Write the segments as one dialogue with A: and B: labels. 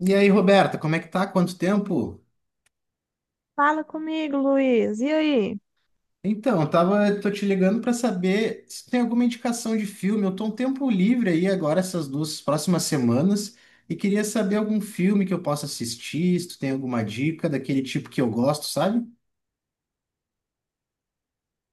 A: E aí, Roberta, como é que tá? Quanto tempo?
B: Fala comigo, Luiz. E aí?
A: Então, tô te ligando pra saber se tem alguma indicação de filme. Eu tô um tempo livre aí agora, essas duas próximas semanas, e queria saber algum filme que eu possa assistir, se tu tem alguma dica daquele tipo que eu gosto, sabe?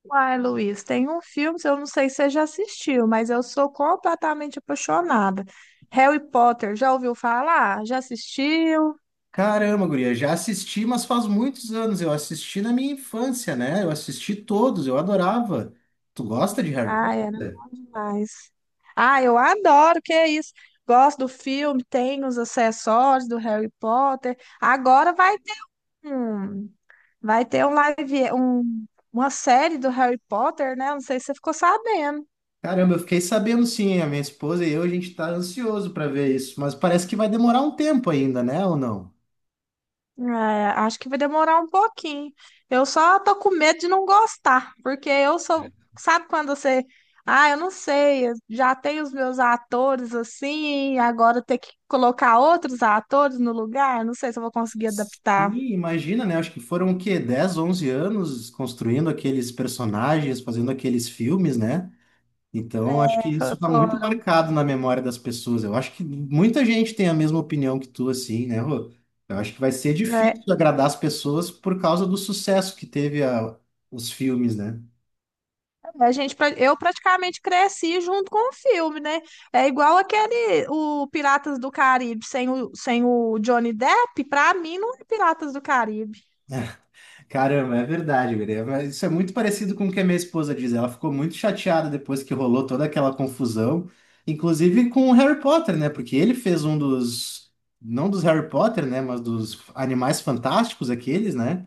B: Uai, Luiz, tem um filme, eu não sei se você já assistiu, mas eu sou completamente apaixonada. Harry Potter, já ouviu falar? Já assistiu?
A: Caramba, guria, já assisti, mas faz muitos anos. Eu assisti na minha infância, né? Eu assisti todos, eu adorava. Tu gosta de Harry
B: Ah, era
A: Potter?
B: bom demais. Ah, eu adoro, que é isso. Gosto do filme, tem os acessórios do Harry Potter. Agora um, vai ter um live, uma série do Harry Potter, né? Não sei se você ficou sabendo.
A: Caramba, eu fiquei sabendo sim, a minha esposa e eu, a gente tá ansioso para ver isso, mas parece que vai demorar um tempo ainda, né, ou não?
B: É, acho que vai demorar um pouquinho. Eu só tô com medo de não gostar, porque eu sou. Sabe quando você. Ah, eu não sei, eu já tenho os meus atores assim, agora ter que colocar outros atores no lugar, não sei se eu vou conseguir adaptar.
A: Sim, imagina, né? Acho que foram o quê? 10, 11 anos construindo aqueles personagens, fazendo aqueles filmes, né? Então, acho
B: É,
A: que isso tá muito
B: Foram.
A: marcado na memória das pessoas. Eu acho que muita gente tem a mesma opinião que tu, assim, né, Rô? Eu acho que vai ser
B: É,
A: difícil agradar as pessoas por causa do sucesso que teve os filmes, né?
B: a gente, eu praticamente cresci junto com o filme, né? É igual aquele, o Piratas do Caribe, sem o Johnny Depp, pra mim não é Piratas do Caribe.
A: Caramba, é verdade, guria. É, mas isso é muito parecido com o que a minha esposa diz. Ela ficou muito chateada depois que rolou toda aquela confusão, inclusive com o Harry Potter, né? Porque ele fez não dos Harry Potter, né? Mas dos Animais Fantásticos, aqueles, né?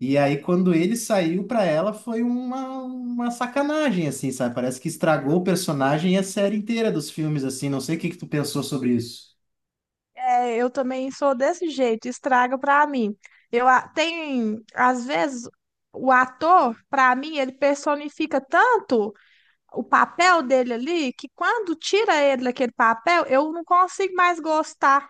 A: E aí, quando ele saiu pra ela, foi uma sacanagem, assim, sabe? Parece que estragou o personagem e a série inteira dos filmes, assim. Não sei o que que tu pensou sobre isso.
B: É, eu também sou desse jeito, estraga pra mim. Tem, às vezes, o ator, pra mim, ele personifica tanto o papel dele ali que quando tira ele daquele papel, eu não consigo mais gostar.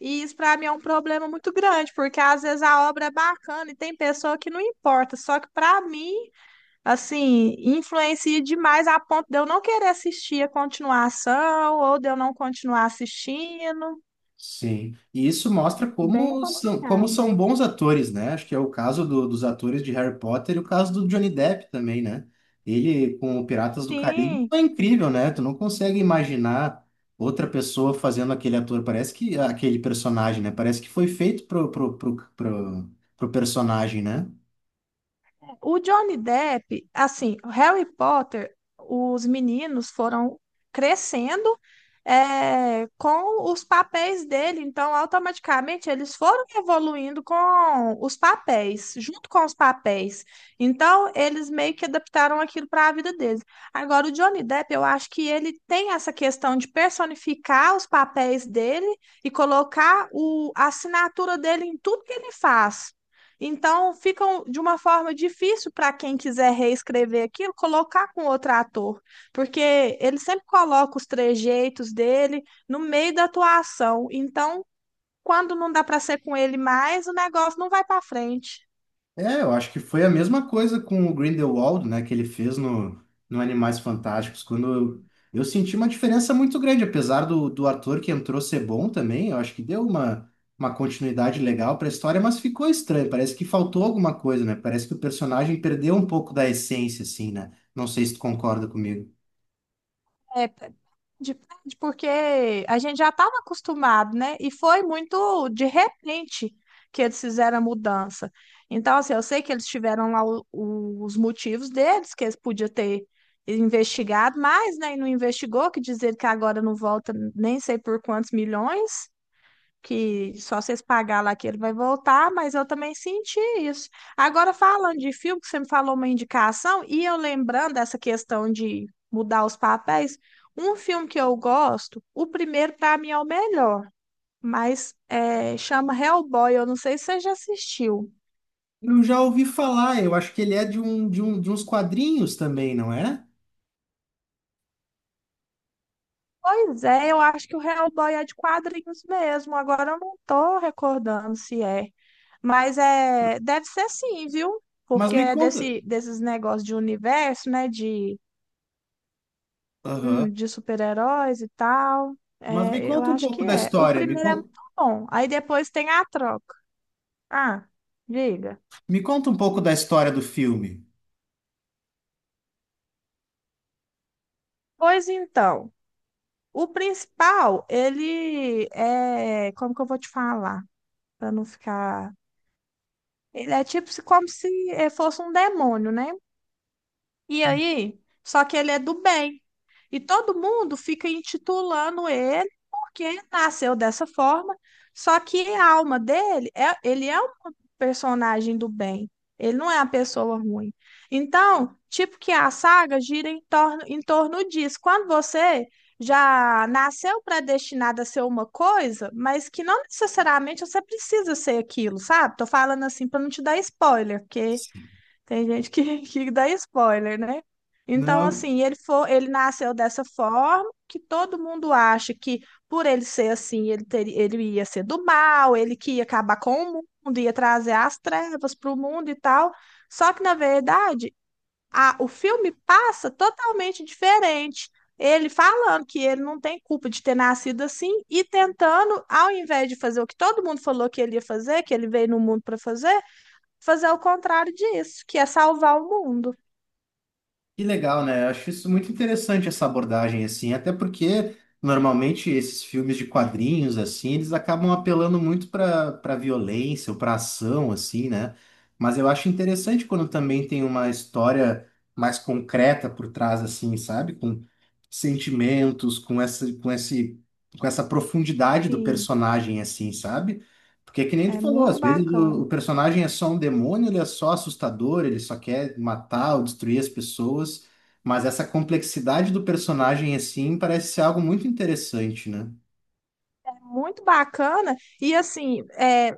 B: E isso pra mim é um problema muito grande, porque às vezes a obra é bacana e tem pessoa que não importa, só que pra mim, assim, influencia demais a ponto de eu não querer assistir a continuação ou de eu não continuar assistindo.
A: Sim, e isso mostra
B: Bem
A: como
B: complicado.
A: são bons atores, né? Acho que é o caso dos atores de Harry Potter e o caso do Johnny Depp também, né? Ele com o Piratas do Caribe
B: Sim,
A: é incrível, né? Tu não consegue imaginar outra pessoa fazendo aquele ator, parece que aquele personagem, né? Parece que foi feito pro personagem, né?
B: o Johnny Depp, assim, o Harry Potter, os meninos foram crescendo, com os papéis dele, então automaticamente eles foram evoluindo com os papéis, junto com os papéis. Então eles meio que adaptaram aquilo para a vida deles. Agora, o Johnny Depp, eu acho que ele tem essa questão de personificar os papéis dele e colocar a assinatura dele em tudo que ele faz. Então, fica de uma forma difícil para quem quiser reescrever aquilo, colocar com outro ator, porque ele sempre coloca os trejeitos dele no meio da atuação. Então, quando não dá para ser com ele mais, o negócio não vai para frente.
A: É, eu acho que foi a mesma coisa com o Grindelwald, né, que ele fez no Animais Fantásticos, quando eu senti uma diferença muito grande, apesar do ator que entrou ser bom também, eu acho que deu uma continuidade legal para a história, mas ficou estranho, parece que faltou alguma coisa, né, parece que o personagem perdeu um pouco da essência, assim, né, não sei se tu concorda comigo.
B: É, depende, porque a gente já estava acostumado, né? E foi muito de repente que eles fizeram a mudança. Então, assim, eu sei que eles tiveram lá os motivos deles, que eles podiam ter investigado, mas né? E não investigou, que dizer que agora não volta nem sei por quantos milhões que só vocês pagar lá que ele vai voltar, mas eu também senti isso. Agora, falando de filme, que você me falou uma indicação, e eu lembrando dessa questão de mudar os papéis, um filme que eu gosto, o primeiro para mim é o melhor, mas é, chama Hellboy, eu não sei se você já assistiu.
A: Eu já ouvi falar, eu acho que ele é de uns quadrinhos também, não é?
B: Pois é, eu acho que o Hellboy é de quadrinhos mesmo, agora eu não tô recordando se é. Mas é, deve ser sim, viu?
A: Mas
B: Porque
A: me
B: é
A: conta...
B: desses negócios de universo, né? De
A: Aham.
B: hum, de super-heróis e tal.
A: Mas me
B: É, eu
A: conta um
B: acho que
A: pouco da
B: é. O
A: história, me
B: primeiro é
A: conta...
B: muito bom. Aí depois tem a troca. Ah, diga.
A: Me conta um pouco da história do filme.
B: Pois então, o principal, ele é. Como que eu vou te falar? Pra não ficar. Ele é como se fosse um demônio, né? E aí, só que ele é do bem. E todo mundo fica intitulando ele porque nasceu dessa forma, só que a alma dele é, ele é um personagem do bem. Ele não é uma pessoa ruim. Então, tipo que a saga gira em torno disso. Quando você já nasceu predestinado a ser uma coisa, mas que não necessariamente você precisa ser aquilo, sabe? Tô falando assim para não te dar spoiler, porque
A: Sim.
B: tem gente que, que dá spoiler, né? Então,
A: Não,
B: assim, ele foi, ele nasceu dessa forma que todo mundo acha que por ele ser assim, ele teria, ele ia ser do mal, ele que ia acabar com o mundo, ia trazer as trevas para o mundo e tal. Só que, na verdade, o filme passa totalmente diferente. Ele falando que ele não tem culpa de ter nascido assim e tentando, ao invés de fazer o que todo mundo falou que ele ia fazer, que ele veio no mundo para fazer, fazer o contrário disso, que é salvar o mundo.
A: que legal, né? Eu acho isso muito interessante essa abordagem assim, até porque normalmente esses filmes de quadrinhos assim, eles acabam apelando muito para violência ou para ação assim, né? Mas eu acho interessante quando também tem uma história mais concreta por trás assim, sabe? Com sentimentos, com esse com essa profundidade do
B: Sim,
A: personagem assim, sabe? Porque que nem
B: é
A: tu falou,
B: muito
A: às vezes o
B: bacana.
A: personagem é só um demônio, ele é só assustador, ele só quer matar ou destruir as pessoas, mas essa complexidade do personagem assim parece ser algo muito interessante, né?
B: É muito bacana. E assim, é,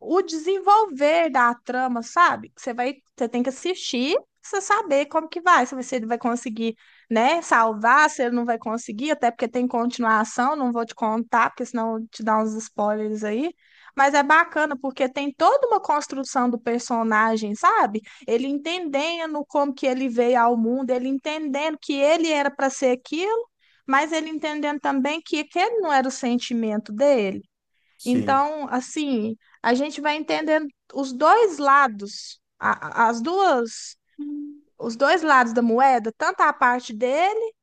B: o desenvolver da trama, sabe? Você vai, você tem que assistir, pra você saber como que vai, se você vai conseguir, né, salvar, se ele não vai conseguir, até porque tem continuação, não vou te contar, porque senão eu te dá uns spoilers aí. Mas é bacana porque tem toda uma construção do personagem, sabe? Ele entendendo como que ele veio ao mundo, ele entendendo que ele era para ser aquilo, mas ele entendendo também que aquele não era o sentimento dele.
A: Sim.
B: Então, assim, a gente vai entendendo os dois lados, os dois lados da moeda, tanto a parte dele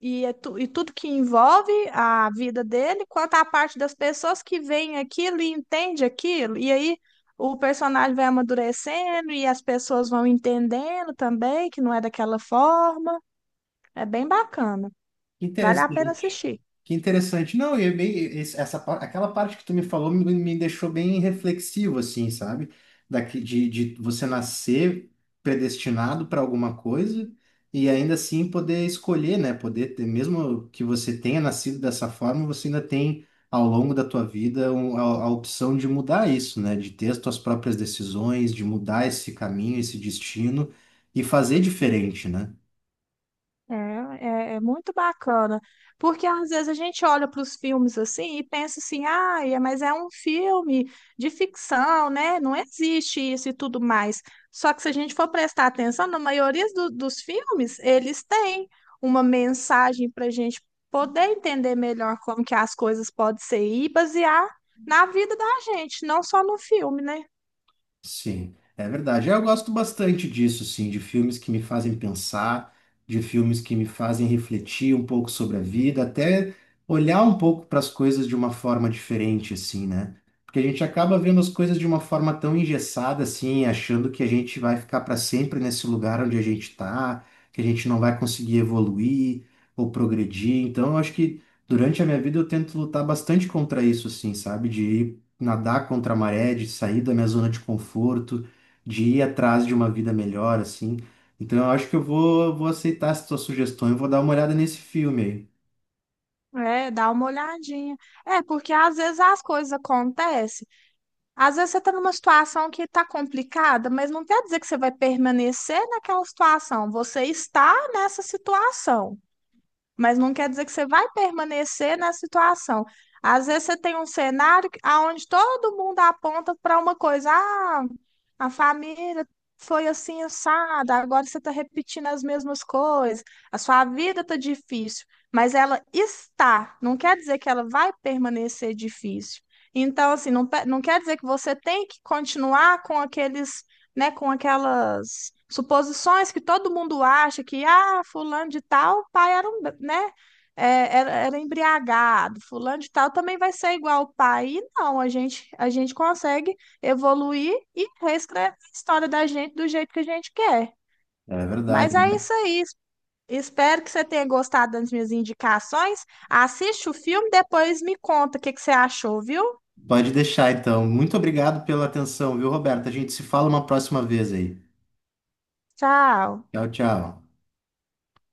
B: e, e tudo que envolve a vida dele, quanto a parte das pessoas que veem aquilo e entende aquilo. E aí o personagem vai amadurecendo e as pessoas vão entendendo também que não é daquela forma. É bem bacana. Vale a pena
A: Interessante.
B: assistir.
A: Que interessante. Não, e é bem, aquela parte que tu me falou me deixou bem reflexivo, assim, sabe? Daqui, de você nascer predestinado para alguma coisa e ainda assim poder escolher, né? Poder ter, mesmo que você tenha nascido dessa forma, você ainda tem ao longo da tua vida a opção de mudar isso, né? De ter as tuas próprias decisões, de mudar esse caminho, esse destino e fazer diferente, né?
B: É, é muito bacana, porque às vezes a gente olha para os filmes assim e pensa assim, ah, mas é um filme de ficção, né? Não existe isso e tudo mais. Só que se a gente for prestar atenção, na maioria dos filmes, eles têm uma mensagem para a gente poder entender melhor como que as coisas podem ser e basear na vida da gente, não só no filme, né?
A: Sim, é verdade. É, eu gosto bastante disso, sim, de filmes que me fazem pensar, de filmes que me fazem refletir um pouco sobre a vida, até olhar um pouco para as coisas de uma forma diferente, assim, né? Porque a gente acaba vendo as coisas de uma forma tão engessada, assim, achando que a gente vai ficar para sempre nesse lugar onde a gente está, que a gente não vai conseguir evoluir ou progredir. Então, eu acho que durante a minha vida eu tento lutar bastante contra isso, assim, sabe? De ir nadar contra a maré, de sair da minha zona de conforto, de ir atrás de uma vida melhor, assim. Então eu acho que vou aceitar essa tua sugestão e vou dar uma olhada nesse filme aí.
B: É, dá uma olhadinha. É, porque às vezes as coisas acontecem. Às vezes você está numa situação que está complicada, mas não quer dizer que você vai permanecer naquela situação. Você está nessa situação, mas não quer dizer que você vai permanecer na situação. Às vezes você tem um cenário onde todo mundo aponta para uma coisa, ah, a família foi assim assada, agora você está repetindo as mesmas coisas, a sua vida está difícil, mas ela está, não quer dizer que ela vai permanecer difícil. Então, assim, não, não quer dizer que você tem que continuar com aqueles, né, com aquelas suposições que todo mundo acha que, ah, fulano de tal, pai era um, né, era embriagado, fulano de tal também vai ser igual o pai. E não, a gente consegue evoluir e reescrever a história da gente do jeito que a gente quer.
A: É
B: Mas
A: verdade,
B: é
A: né?
B: isso aí. Espero que você tenha gostado das minhas indicações. Assiste o filme, depois me conta o que que você achou, viu?
A: Pode deixar então. Muito obrigado pela atenção, viu, Roberto? A gente se fala uma próxima vez aí.
B: Tchau.
A: Tchau, tchau.